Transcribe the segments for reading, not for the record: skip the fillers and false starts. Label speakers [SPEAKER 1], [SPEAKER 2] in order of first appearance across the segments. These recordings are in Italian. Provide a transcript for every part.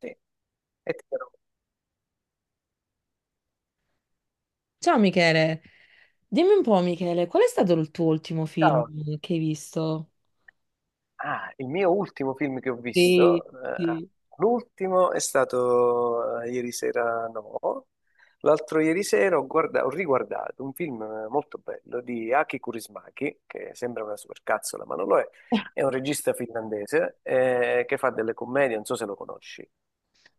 [SPEAKER 1] Sì, e ti dirò,
[SPEAKER 2] Ciao Michele, dimmi un po' Michele, qual è stato il tuo ultimo
[SPEAKER 1] ciao.
[SPEAKER 2] film che hai visto?
[SPEAKER 1] Ah, il mio ultimo film che ho
[SPEAKER 2] Sì,
[SPEAKER 1] visto,
[SPEAKER 2] sì.
[SPEAKER 1] l'ultimo è stato ieri sera, no, l'altro ieri sera ho, ho riguardato un film molto bello di Aki Kaurismäki, che sembra una supercazzola, ma non lo è un regista finlandese che fa delle commedie, non so se lo conosci.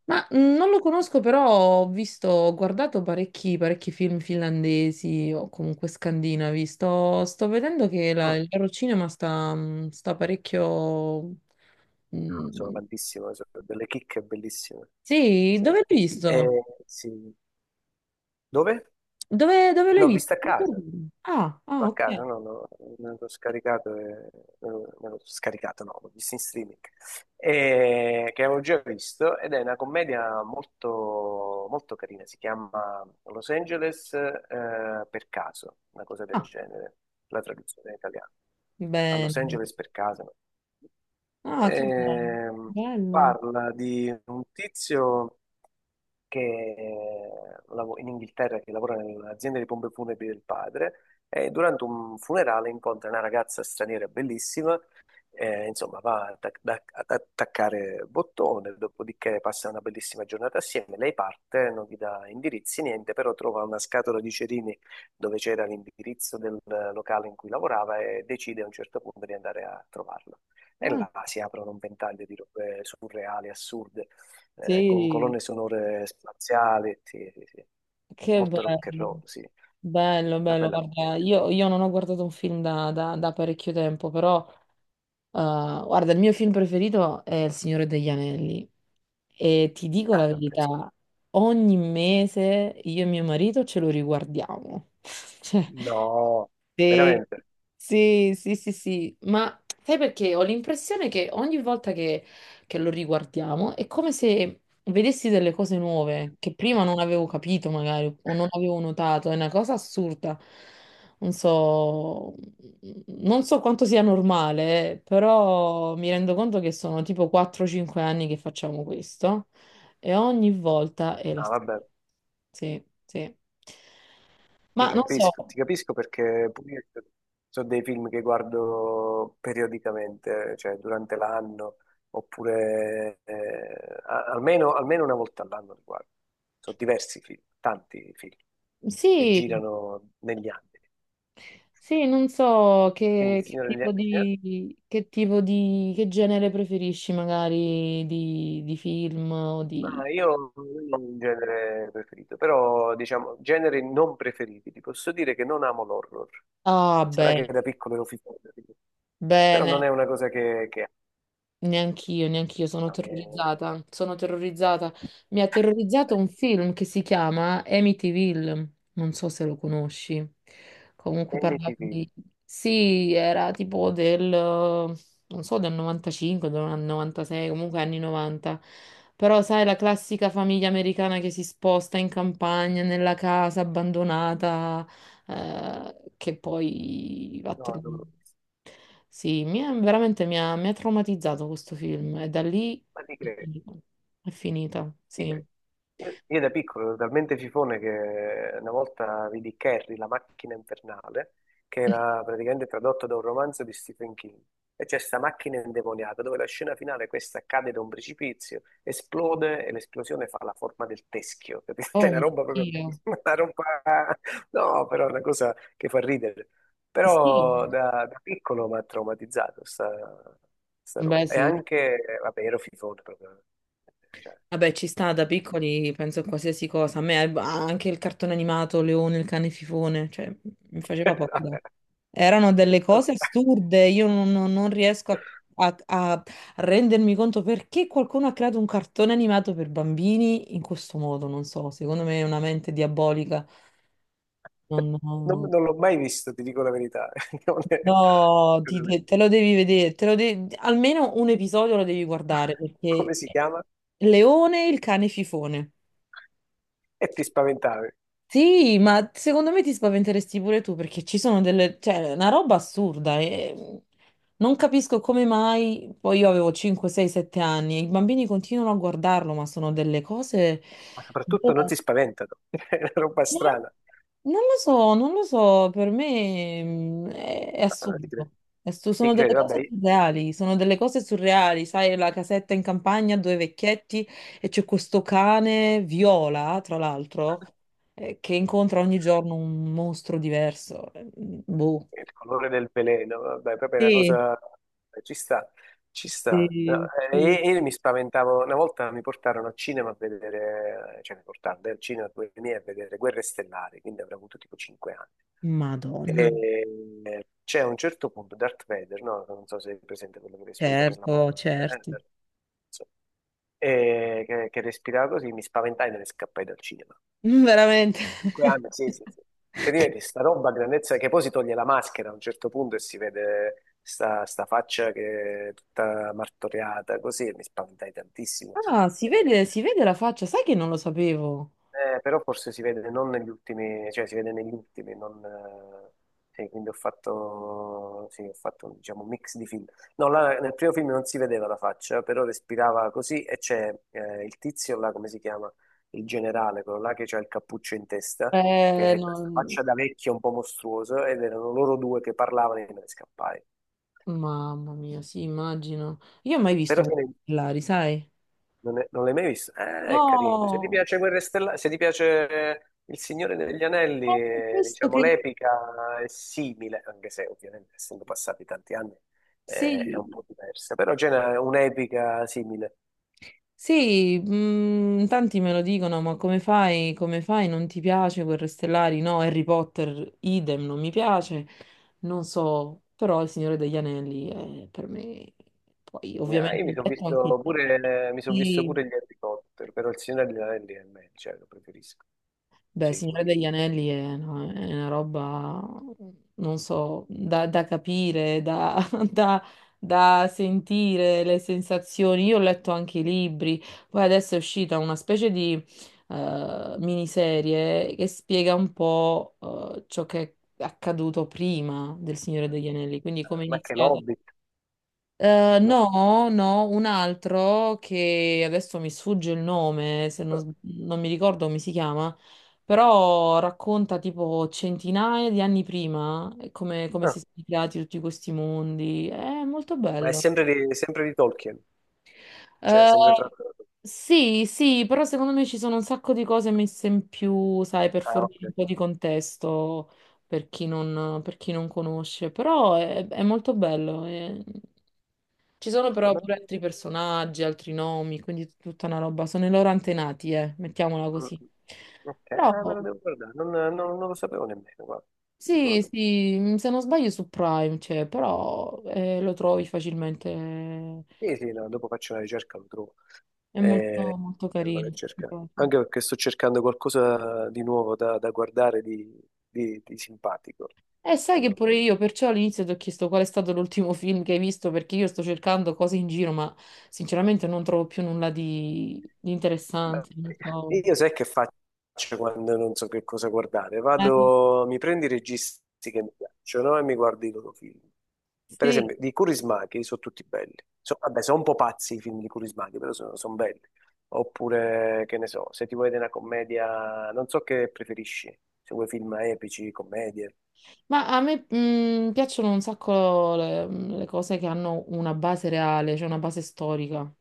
[SPEAKER 2] Ma non lo conosco, però ho guardato parecchi, parecchi film finlandesi o comunque scandinavi. Sto vedendo che
[SPEAKER 1] Mm,
[SPEAKER 2] il loro cinema sta parecchio.
[SPEAKER 1] sono
[SPEAKER 2] mh,
[SPEAKER 1] tantissime, sono delle chicche bellissime.
[SPEAKER 2] Sì,
[SPEAKER 1] Sì.
[SPEAKER 2] dove l'hai
[SPEAKER 1] Eh,
[SPEAKER 2] visto?
[SPEAKER 1] sì. Dove?
[SPEAKER 2] Dove l'hai
[SPEAKER 1] No, vista a
[SPEAKER 2] visto?
[SPEAKER 1] casa.
[SPEAKER 2] Ah, ah,
[SPEAKER 1] A
[SPEAKER 2] ok.
[SPEAKER 1] casa, no, no, me l'ho scaricato, e, me l'ho scaricato, no, l'ho visto in streaming, e, che avevo già visto, ed è una commedia molto, molto carina, si chiama Los Angeles per caso, una cosa del
[SPEAKER 2] Ah,
[SPEAKER 1] genere, la traduzione in italiano, a
[SPEAKER 2] bene.
[SPEAKER 1] Los Angeles per caso. No.
[SPEAKER 2] Ah, che bello.
[SPEAKER 1] Ehm,
[SPEAKER 2] Bello.
[SPEAKER 1] parla di un tizio che in Inghilterra che lavora nell'azienda di pompe funebri del padre e durante un funerale incontra una ragazza straniera bellissima, insomma va ad attaccare bottone, dopodiché passa una bellissima giornata assieme, lei parte, non gli dà indirizzi, niente, però trova una scatola di cerini dove c'era l'indirizzo del locale in cui lavorava e decide a un certo punto di andare a trovarlo. E
[SPEAKER 2] Ah.
[SPEAKER 1] là si aprono un ventaglio di robe surreali, assurde con
[SPEAKER 2] Sì.
[SPEAKER 1] colonne sonore spaziali, sì, sì, sì.
[SPEAKER 2] Che
[SPEAKER 1] Molto rock and
[SPEAKER 2] bello,
[SPEAKER 1] roll, sì.
[SPEAKER 2] bello,
[SPEAKER 1] Una
[SPEAKER 2] bello.
[SPEAKER 1] bella
[SPEAKER 2] Guarda,
[SPEAKER 1] commedia.
[SPEAKER 2] io non ho guardato un film da parecchio tempo, però guarda, il mio film preferito è Il Signore degli Anelli, e ti dico la
[SPEAKER 1] Ah, vabbè, sì.
[SPEAKER 2] verità, ogni mese io e mio marito ce lo riguardiamo. Cioè,
[SPEAKER 1] No,
[SPEAKER 2] sì,
[SPEAKER 1] veramente.
[SPEAKER 2] sì, sì, sì, sì, ma sai perché ho l'impressione che ogni volta che, lo riguardiamo è come se vedessi delle cose nuove che prima non avevo capito magari o non avevo notato, è una cosa assurda. Non so, non so quanto sia normale, però mi rendo conto che sono tipo 4-5 anni che facciamo questo e ogni volta è la
[SPEAKER 1] Ah,
[SPEAKER 2] stessa.
[SPEAKER 1] vabbè,
[SPEAKER 2] Sì, sì. Ma non so,
[SPEAKER 1] ti capisco perché pure io sono dei film che guardo periodicamente, cioè durante l'anno, oppure almeno, almeno 1 volta all'anno li guardo. Sono diversi film, tanti film che
[SPEAKER 2] sì.
[SPEAKER 1] girano negli anni.
[SPEAKER 2] Sì, non so
[SPEAKER 1] Quindi il Signore degli Anelli.
[SPEAKER 2] che genere preferisci magari di film o di...
[SPEAKER 1] Ma io non ho un genere preferito, però diciamo generi non preferiti. Ti posso dire che non amo l'horror.
[SPEAKER 2] Ah,
[SPEAKER 1] Sarà che
[SPEAKER 2] bene,
[SPEAKER 1] da piccolo ero fissato, però non
[SPEAKER 2] bene.
[SPEAKER 1] è una cosa che amo.
[SPEAKER 2] Neanch'io, neanch'io sono
[SPEAKER 1] Ma mi è...
[SPEAKER 2] terrorizzata, sono terrorizzata. Mi ha terrorizzato un film che si chiama Amityville, non so se lo conosci. Comunque
[SPEAKER 1] e mi
[SPEAKER 2] parlava
[SPEAKER 1] ti dico.
[SPEAKER 2] di... Sì, era tipo del, non so, del 95, del 96, comunque anni 90. Però sai, la classica famiglia americana che si sposta in campagna, nella casa abbandonata, che poi va a
[SPEAKER 1] No,
[SPEAKER 2] trovare.
[SPEAKER 1] non lo so.
[SPEAKER 2] Sì, veramente mi ha traumatizzato questo film, e da lì
[SPEAKER 1] Ma ti
[SPEAKER 2] è
[SPEAKER 1] credo.
[SPEAKER 2] finita. È finita, sì.
[SPEAKER 1] Io da piccolo ero talmente fifone che una volta vidi Carrie, la macchina infernale, che era praticamente tradotto da un romanzo di Stephen King. E c'è questa macchina indemoniata dove la scena finale, questa cade da un precipizio, esplode e l'esplosione fa la forma del teschio. Capito? Cioè, una
[SPEAKER 2] Oh,
[SPEAKER 1] roba proprio,
[SPEAKER 2] oddio.
[SPEAKER 1] una roba, no, però è una cosa che fa ridere.
[SPEAKER 2] Sì.
[SPEAKER 1] Però da, da piccolo mi ha traumatizzato sta, sta roba.
[SPEAKER 2] Beh,
[SPEAKER 1] E
[SPEAKER 2] sì.
[SPEAKER 1] anche, vabbè, ero fifone proprio. Cioè,
[SPEAKER 2] Vabbè, ci sta da piccoli, penso a qualsiasi cosa. A me anche il cartone animato, Leone, il cane fifone, cioè mi
[SPEAKER 1] Eh,
[SPEAKER 2] faceva paura.
[SPEAKER 1] Vabbè,
[SPEAKER 2] Erano delle cose
[SPEAKER 1] vabbè.
[SPEAKER 2] assurde, io non riesco a- a rendermi conto perché qualcuno ha creato un cartone animato per bambini in questo modo, non so, secondo me è una mente diabolica.
[SPEAKER 1] Non,
[SPEAKER 2] Non-
[SPEAKER 1] non l'ho mai visto, ti dico la verità. Non è-
[SPEAKER 2] No,
[SPEAKER 1] non è-
[SPEAKER 2] te lo devi vedere, almeno un episodio lo devi guardare,
[SPEAKER 1] Come
[SPEAKER 2] perché
[SPEAKER 1] si chiama?
[SPEAKER 2] Leone il cane fifone.
[SPEAKER 1] E ti spaventavi.
[SPEAKER 2] Sì, ma secondo me ti spaventeresti pure tu perché ci sono delle, cioè, una roba assurda, e non capisco come mai, poi io avevo 5, 6, 7 anni e i bambini continuano a guardarlo, ma sono delle cose...
[SPEAKER 1] Ma soprattutto non si spaventano. È una roba strana.
[SPEAKER 2] Non lo so, non lo so, per me è
[SPEAKER 1] Ah, ti credo.
[SPEAKER 2] assurdo.
[SPEAKER 1] Ti
[SPEAKER 2] Sono delle
[SPEAKER 1] credo,
[SPEAKER 2] cose
[SPEAKER 1] vabbè.
[SPEAKER 2] surreali, sono delle cose surreali, sai, la casetta in campagna, due vecchietti, e c'è questo cane viola, tra l'altro, che incontra ogni giorno un mostro diverso. Boh.
[SPEAKER 1] Il colore del veleno, vabbè, proprio è una
[SPEAKER 2] Sì,
[SPEAKER 1] cosa... Eh, ci sta, ci sta. No,
[SPEAKER 2] sì, sì.
[SPEAKER 1] io mi spaventavo, una volta mi portarono al cinema a vedere, cioè mi portarono al cinema con i miei a vedere Guerre Stellari, quindi avrei avuto tipo 5 anni. E
[SPEAKER 2] Madonna,
[SPEAKER 1] c'è a un certo punto Darth Vader, no? Non so se è presente quello che respira nella mano.
[SPEAKER 2] certo,
[SPEAKER 1] Eh,
[SPEAKER 2] certo.
[SPEAKER 1] insomma. E che respirava così, mi spaventai e me ne scappai dal cinema.
[SPEAKER 2] Veramente.
[SPEAKER 1] Cinque anni, sì, sì, sì. Che diventi sta roba a grandezza che poi si toglie la maschera a un certo punto e si vede sta, sta faccia che è tutta martoriata, così e mi spaventai tantissimo.
[SPEAKER 2] Ah,
[SPEAKER 1] Eh,
[SPEAKER 2] si vede la faccia, sai che non lo sapevo.
[SPEAKER 1] però forse si vede non negli ultimi, cioè si vede negli ultimi, non, sì, quindi ho fatto, sì, ho fatto diciamo, un mix di film. No, là, nel primo film non si vedeva la faccia, però respirava così e c'è il tizio là, come si chiama? Il generale, quello là che c'ha il cappuccio in testa, che è questa
[SPEAKER 2] No.
[SPEAKER 1] faccia da vecchio un po' mostruoso, ed erano loro due che parlavano e me ne scappai.
[SPEAKER 2] Mamma mia, sì, immagino. Io ho mai
[SPEAKER 1] Però
[SPEAKER 2] visto Lari, sai?
[SPEAKER 1] Non l'hai mai visto? È carino. Se ti
[SPEAKER 2] No.
[SPEAKER 1] piace Guerre Stellari, se ti piace Il Signore degli Anelli,
[SPEAKER 2] Questo
[SPEAKER 1] diciamo,
[SPEAKER 2] che...
[SPEAKER 1] l'epica è simile, anche se ovviamente essendo passati tanti anni è
[SPEAKER 2] Sì,
[SPEAKER 1] un po' diversa, però c'è un'epica simile.
[SPEAKER 2] sì, tanti me lo dicono, ma come fai, come fai? Non ti piace Guerre Stellari? No, Harry Potter, idem, non mi piace. Non so, però Il Signore degli Anelli è per me... Poi,
[SPEAKER 1] No, io
[SPEAKER 2] ovviamente,
[SPEAKER 1] mi
[SPEAKER 2] ho
[SPEAKER 1] sono
[SPEAKER 2] letto anche il
[SPEAKER 1] visto pure, mi son visto
[SPEAKER 2] libro.
[SPEAKER 1] pure gli Harry Potter, però Il Signore degli Anelli è meglio, cioè lo preferisco,
[SPEAKER 2] Beh,
[SPEAKER 1] sì, pure
[SPEAKER 2] Signore
[SPEAKER 1] io.
[SPEAKER 2] degli Anelli è, no, è una roba, non so, da capire, da, da- da sentire le sensazioni. Io ho letto anche i libri, poi adesso è uscita una specie di miniserie che spiega un po' ciò che è accaduto prima del Signore degli Anelli, quindi come è
[SPEAKER 1] Ma che
[SPEAKER 2] iniziata,
[SPEAKER 1] l'Hobbit? No.
[SPEAKER 2] no, no, un altro che adesso mi sfugge il nome, se non,
[SPEAKER 1] No,
[SPEAKER 2] s- non mi ricordo come si chiama, però racconta tipo centinaia di anni prima, come
[SPEAKER 1] no.
[SPEAKER 2] si sono creati tutti questi mondi. È molto
[SPEAKER 1] Ma è
[SPEAKER 2] bello.
[SPEAKER 1] sempre di Tolkien, cioè
[SPEAKER 2] Eh,
[SPEAKER 1] sempre tratto da... Tolkien.
[SPEAKER 2] sì, sì, però secondo me ci sono un sacco di cose messe in più, sai, per
[SPEAKER 1] Ah,
[SPEAKER 2] fornire un
[SPEAKER 1] ok.
[SPEAKER 2] po' di contesto per chi non conosce, però è molto bello. Ci sono
[SPEAKER 1] No,
[SPEAKER 2] però
[SPEAKER 1] ma-
[SPEAKER 2] pure altri personaggi, altri nomi, quindi tutta una roba. Sono i loro antenati, mettiamola
[SPEAKER 1] mm,
[SPEAKER 2] così.
[SPEAKER 1] Ok,
[SPEAKER 2] Però
[SPEAKER 1] ah, me lo devo guardare, non lo sapevo nemmeno, guarda. Ti dico la
[SPEAKER 2] sì,
[SPEAKER 1] verità.
[SPEAKER 2] sì, se non sbaglio su Prime c'è, però lo trovi facilmente.
[SPEAKER 1] Sì, sì, no, dopo faccio una ricerca, lo trovo.
[SPEAKER 2] È molto,
[SPEAKER 1] Eh,
[SPEAKER 2] molto
[SPEAKER 1] me lo vado a
[SPEAKER 2] carino.
[SPEAKER 1] cercare.
[SPEAKER 2] Proprio.
[SPEAKER 1] Anche perché sto cercando qualcosa di nuovo da, da guardare, di simpatico,
[SPEAKER 2] E
[SPEAKER 1] che
[SPEAKER 2] sai che
[SPEAKER 1] non,
[SPEAKER 2] pure io, perciò all'inizio ti ho chiesto qual è stato l'ultimo film che hai visto, perché io sto cercando cose in giro, ma sinceramente non trovo più nulla di
[SPEAKER 1] beh,
[SPEAKER 2] interessante. Non so.
[SPEAKER 1] io sai che faccio quando non so che cosa guardare?
[SPEAKER 2] Eh,
[SPEAKER 1] Vado, mi prendo i registi che mi piacciono e mi guardo i loro film. Per
[SPEAKER 2] sì.
[SPEAKER 1] esempio, di Kurismaki sono tutti belli. Vabbè, sono un po' pazzi i film di Kurismaki, però sono, sono belli. Oppure, che ne so, se ti vuoi vedere una commedia, non so che preferisci, se vuoi film epici, commedie.
[SPEAKER 2] Ma a me piacciono un sacco le cose che hanno una base reale, cioè una base storica.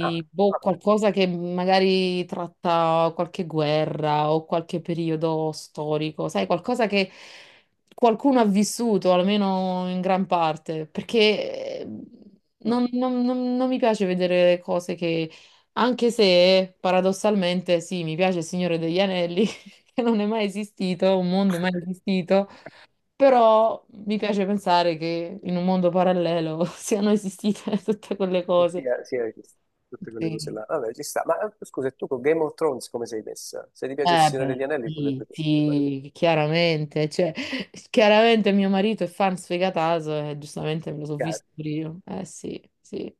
[SPEAKER 1] Ah,
[SPEAKER 2] boh,
[SPEAKER 1] vabbè,
[SPEAKER 2] qualcosa che magari tratta qualche guerra o qualche periodo storico, sai, qualcosa che qualcuno ha vissuto, almeno in gran parte, perché
[SPEAKER 1] mm,
[SPEAKER 2] non, non mi piace vedere cose che, anche se paradossalmente, sì, mi piace Il Signore degli Anelli, che non è mai esistito, un mondo mai esistito, però mi piace pensare che in un mondo parallelo siano esistite tutte quelle cose.
[SPEAKER 1] sia, sia che- tutte quelle cose
[SPEAKER 2] Sì.
[SPEAKER 1] là. Vabbè, ci sta. Ma scusa, e tu con Game of Thrones come sei messa? Se ti piace il
[SPEAKER 2] Eh
[SPEAKER 1] Signore
[SPEAKER 2] beh,
[SPEAKER 1] degli Anelli, potrebbe...
[SPEAKER 2] sì,
[SPEAKER 1] piacerti quello.
[SPEAKER 2] sì, chiaramente. Cioè, chiaramente mio marito è fan sfegatato e giustamente me lo so
[SPEAKER 1] Chiaro,
[SPEAKER 2] visto io. Eh sì, sì.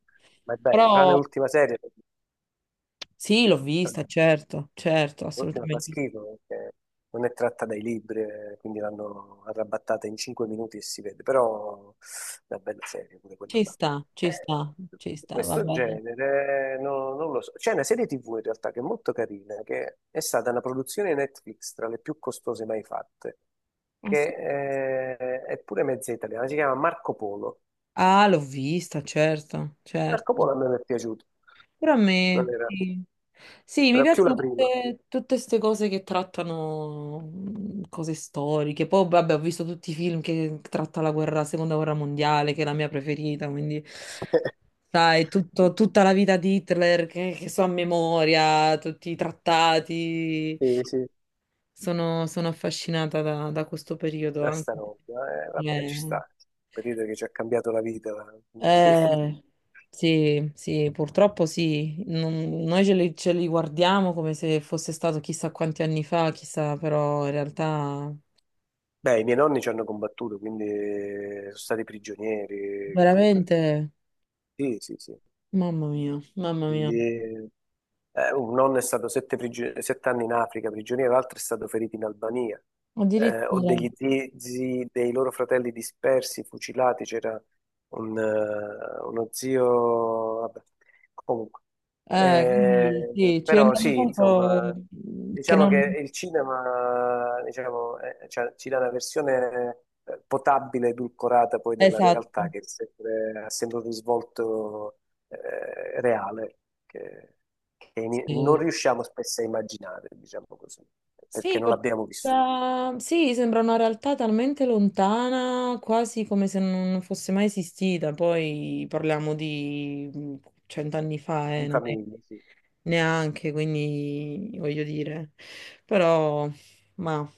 [SPEAKER 1] ma è bello, tranne
[SPEAKER 2] Però
[SPEAKER 1] l'ultima serie, perché
[SPEAKER 2] sì, l'ho vista, certo, certo,
[SPEAKER 1] l'ultima fa
[SPEAKER 2] assolutamente.
[SPEAKER 1] schifo perché non è tratta dai libri, quindi l'hanno arrabattata in 5 minuti e si vede, però è una bella serie pure quella
[SPEAKER 2] Ci
[SPEAKER 1] là.
[SPEAKER 2] sta, ci
[SPEAKER 1] Eh,
[SPEAKER 2] sta, ci
[SPEAKER 1] di
[SPEAKER 2] sta, va
[SPEAKER 1] questo
[SPEAKER 2] bene.
[SPEAKER 1] genere non lo so. C'è una serie TV in realtà che è molto carina, che è stata una produzione Netflix tra le più costose mai fatte,
[SPEAKER 2] Ah,
[SPEAKER 1] che
[SPEAKER 2] sì.
[SPEAKER 1] è pure mezza italiana, si chiama Marco Polo.
[SPEAKER 2] Ah, l'ho vista, certo,
[SPEAKER 1] Marco
[SPEAKER 2] certo.
[SPEAKER 1] Polo a me mi è piaciuto,
[SPEAKER 2] Però a
[SPEAKER 1] non
[SPEAKER 2] me,
[SPEAKER 1] era,
[SPEAKER 2] sì. Sì, mi
[SPEAKER 1] era più la
[SPEAKER 2] piacciono
[SPEAKER 1] prima.
[SPEAKER 2] tutte queste cose che trattano cose storiche. Poi, vabbè, ho visto tutti i film che tratta la guerra, la seconda guerra mondiale, che è la mia preferita, quindi, sai,
[SPEAKER 1] Sì,
[SPEAKER 2] tutta la vita di Hitler che, so a memoria, tutti i trattati.
[SPEAKER 1] sì, sì,
[SPEAKER 2] Sono affascinata da questo periodo
[SPEAKER 1] da
[SPEAKER 2] anche.
[SPEAKER 1] sta roba, vabbè, ci
[SPEAKER 2] Eh.
[SPEAKER 1] sta. Il periodo che ci ha cambiato la vita.
[SPEAKER 2] Eh, sì, sì, purtroppo sì. Noi ce li guardiamo come se fosse stato chissà quanti anni fa, chissà, però in realtà
[SPEAKER 1] Beh, i miei nonni ci hanno combattuto, quindi sono stati prigionieri pure.
[SPEAKER 2] veramente,
[SPEAKER 1] Sì, sì, sì.
[SPEAKER 2] mamma mia, mamma mia.
[SPEAKER 1] Quindi un nonno è stato 7 anni in Africa prigioniero, l'altro è stato ferito in Albania. Ho
[SPEAKER 2] Addirittura.
[SPEAKER 1] degli zii, zii dei loro fratelli dispersi, fucilati. C'era uno zio, vabbè, comunque.
[SPEAKER 2] Quindi sì, ci
[SPEAKER 1] Però
[SPEAKER 2] rendiamo
[SPEAKER 1] sì,
[SPEAKER 2] conto
[SPEAKER 1] insomma,
[SPEAKER 2] che
[SPEAKER 1] diciamo che
[SPEAKER 2] non...
[SPEAKER 1] il cinema, diciamo, cioè, ci dà una versione potabile, edulcorata poi della realtà
[SPEAKER 2] Esatto.
[SPEAKER 1] che è ha sempre un risvolto reale che, che non
[SPEAKER 2] Sì.
[SPEAKER 1] riusciamo spesso a immaginare, diciamo così, perché
[SPEAKER 2] Sì,
[SPEAKER 1] non l'abbiamo vissuto
[SPEAKER 2] sì, sembra una realtà talmente lontana, quasi come se non fosse mai esistita. Poi parliamo di cent'anni fa,
[SPEAKER 1] in
[SPEAKER 2] non è
[SPEAKER 1] famiglia, sì.
[SPEAKER 2] neanche, quindi voglio dire. Però, ma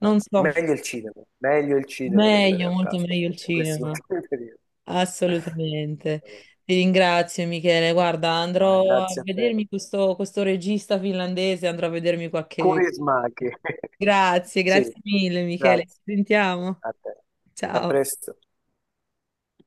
[SPEAKER 2] non so,
[SPEAKER 1] Meglio il cinema, meglio il cinema della
[SPEAKER 2] meglio,
[SPEAKER 1] realtà,
[SPEAKER 2] molto meglio il
[SPEAKER 1] soprattutto in questi
[SPEAKER 2] cinema.
[SPEAKER 1] ultimi periodi.
[SPEAKER 2] Assolutamente. Ti ringrazio Michele. Guarda,
[SPEAKER 1] Ma
[SPEAKER 2] andrò a
[SPEAKER 1] grazie a te.
[SPEAKER 2] vedermi questo regista finlandese, andrò a vedermi qualche...
[SPEAKER 1] Curi e smacchi.
[SPEAKER 2] Grazie, grazie
[SPEAKER 1] Sì,
[SPEAKER 2] mille Michele.
[SPEAKER 1] grazie
[SPEAKER 2] Ci sentiamo.
[SPEAKER 1] a te. A
[SPEAKER 2] Ciao.
[SPEAKER 1] presto.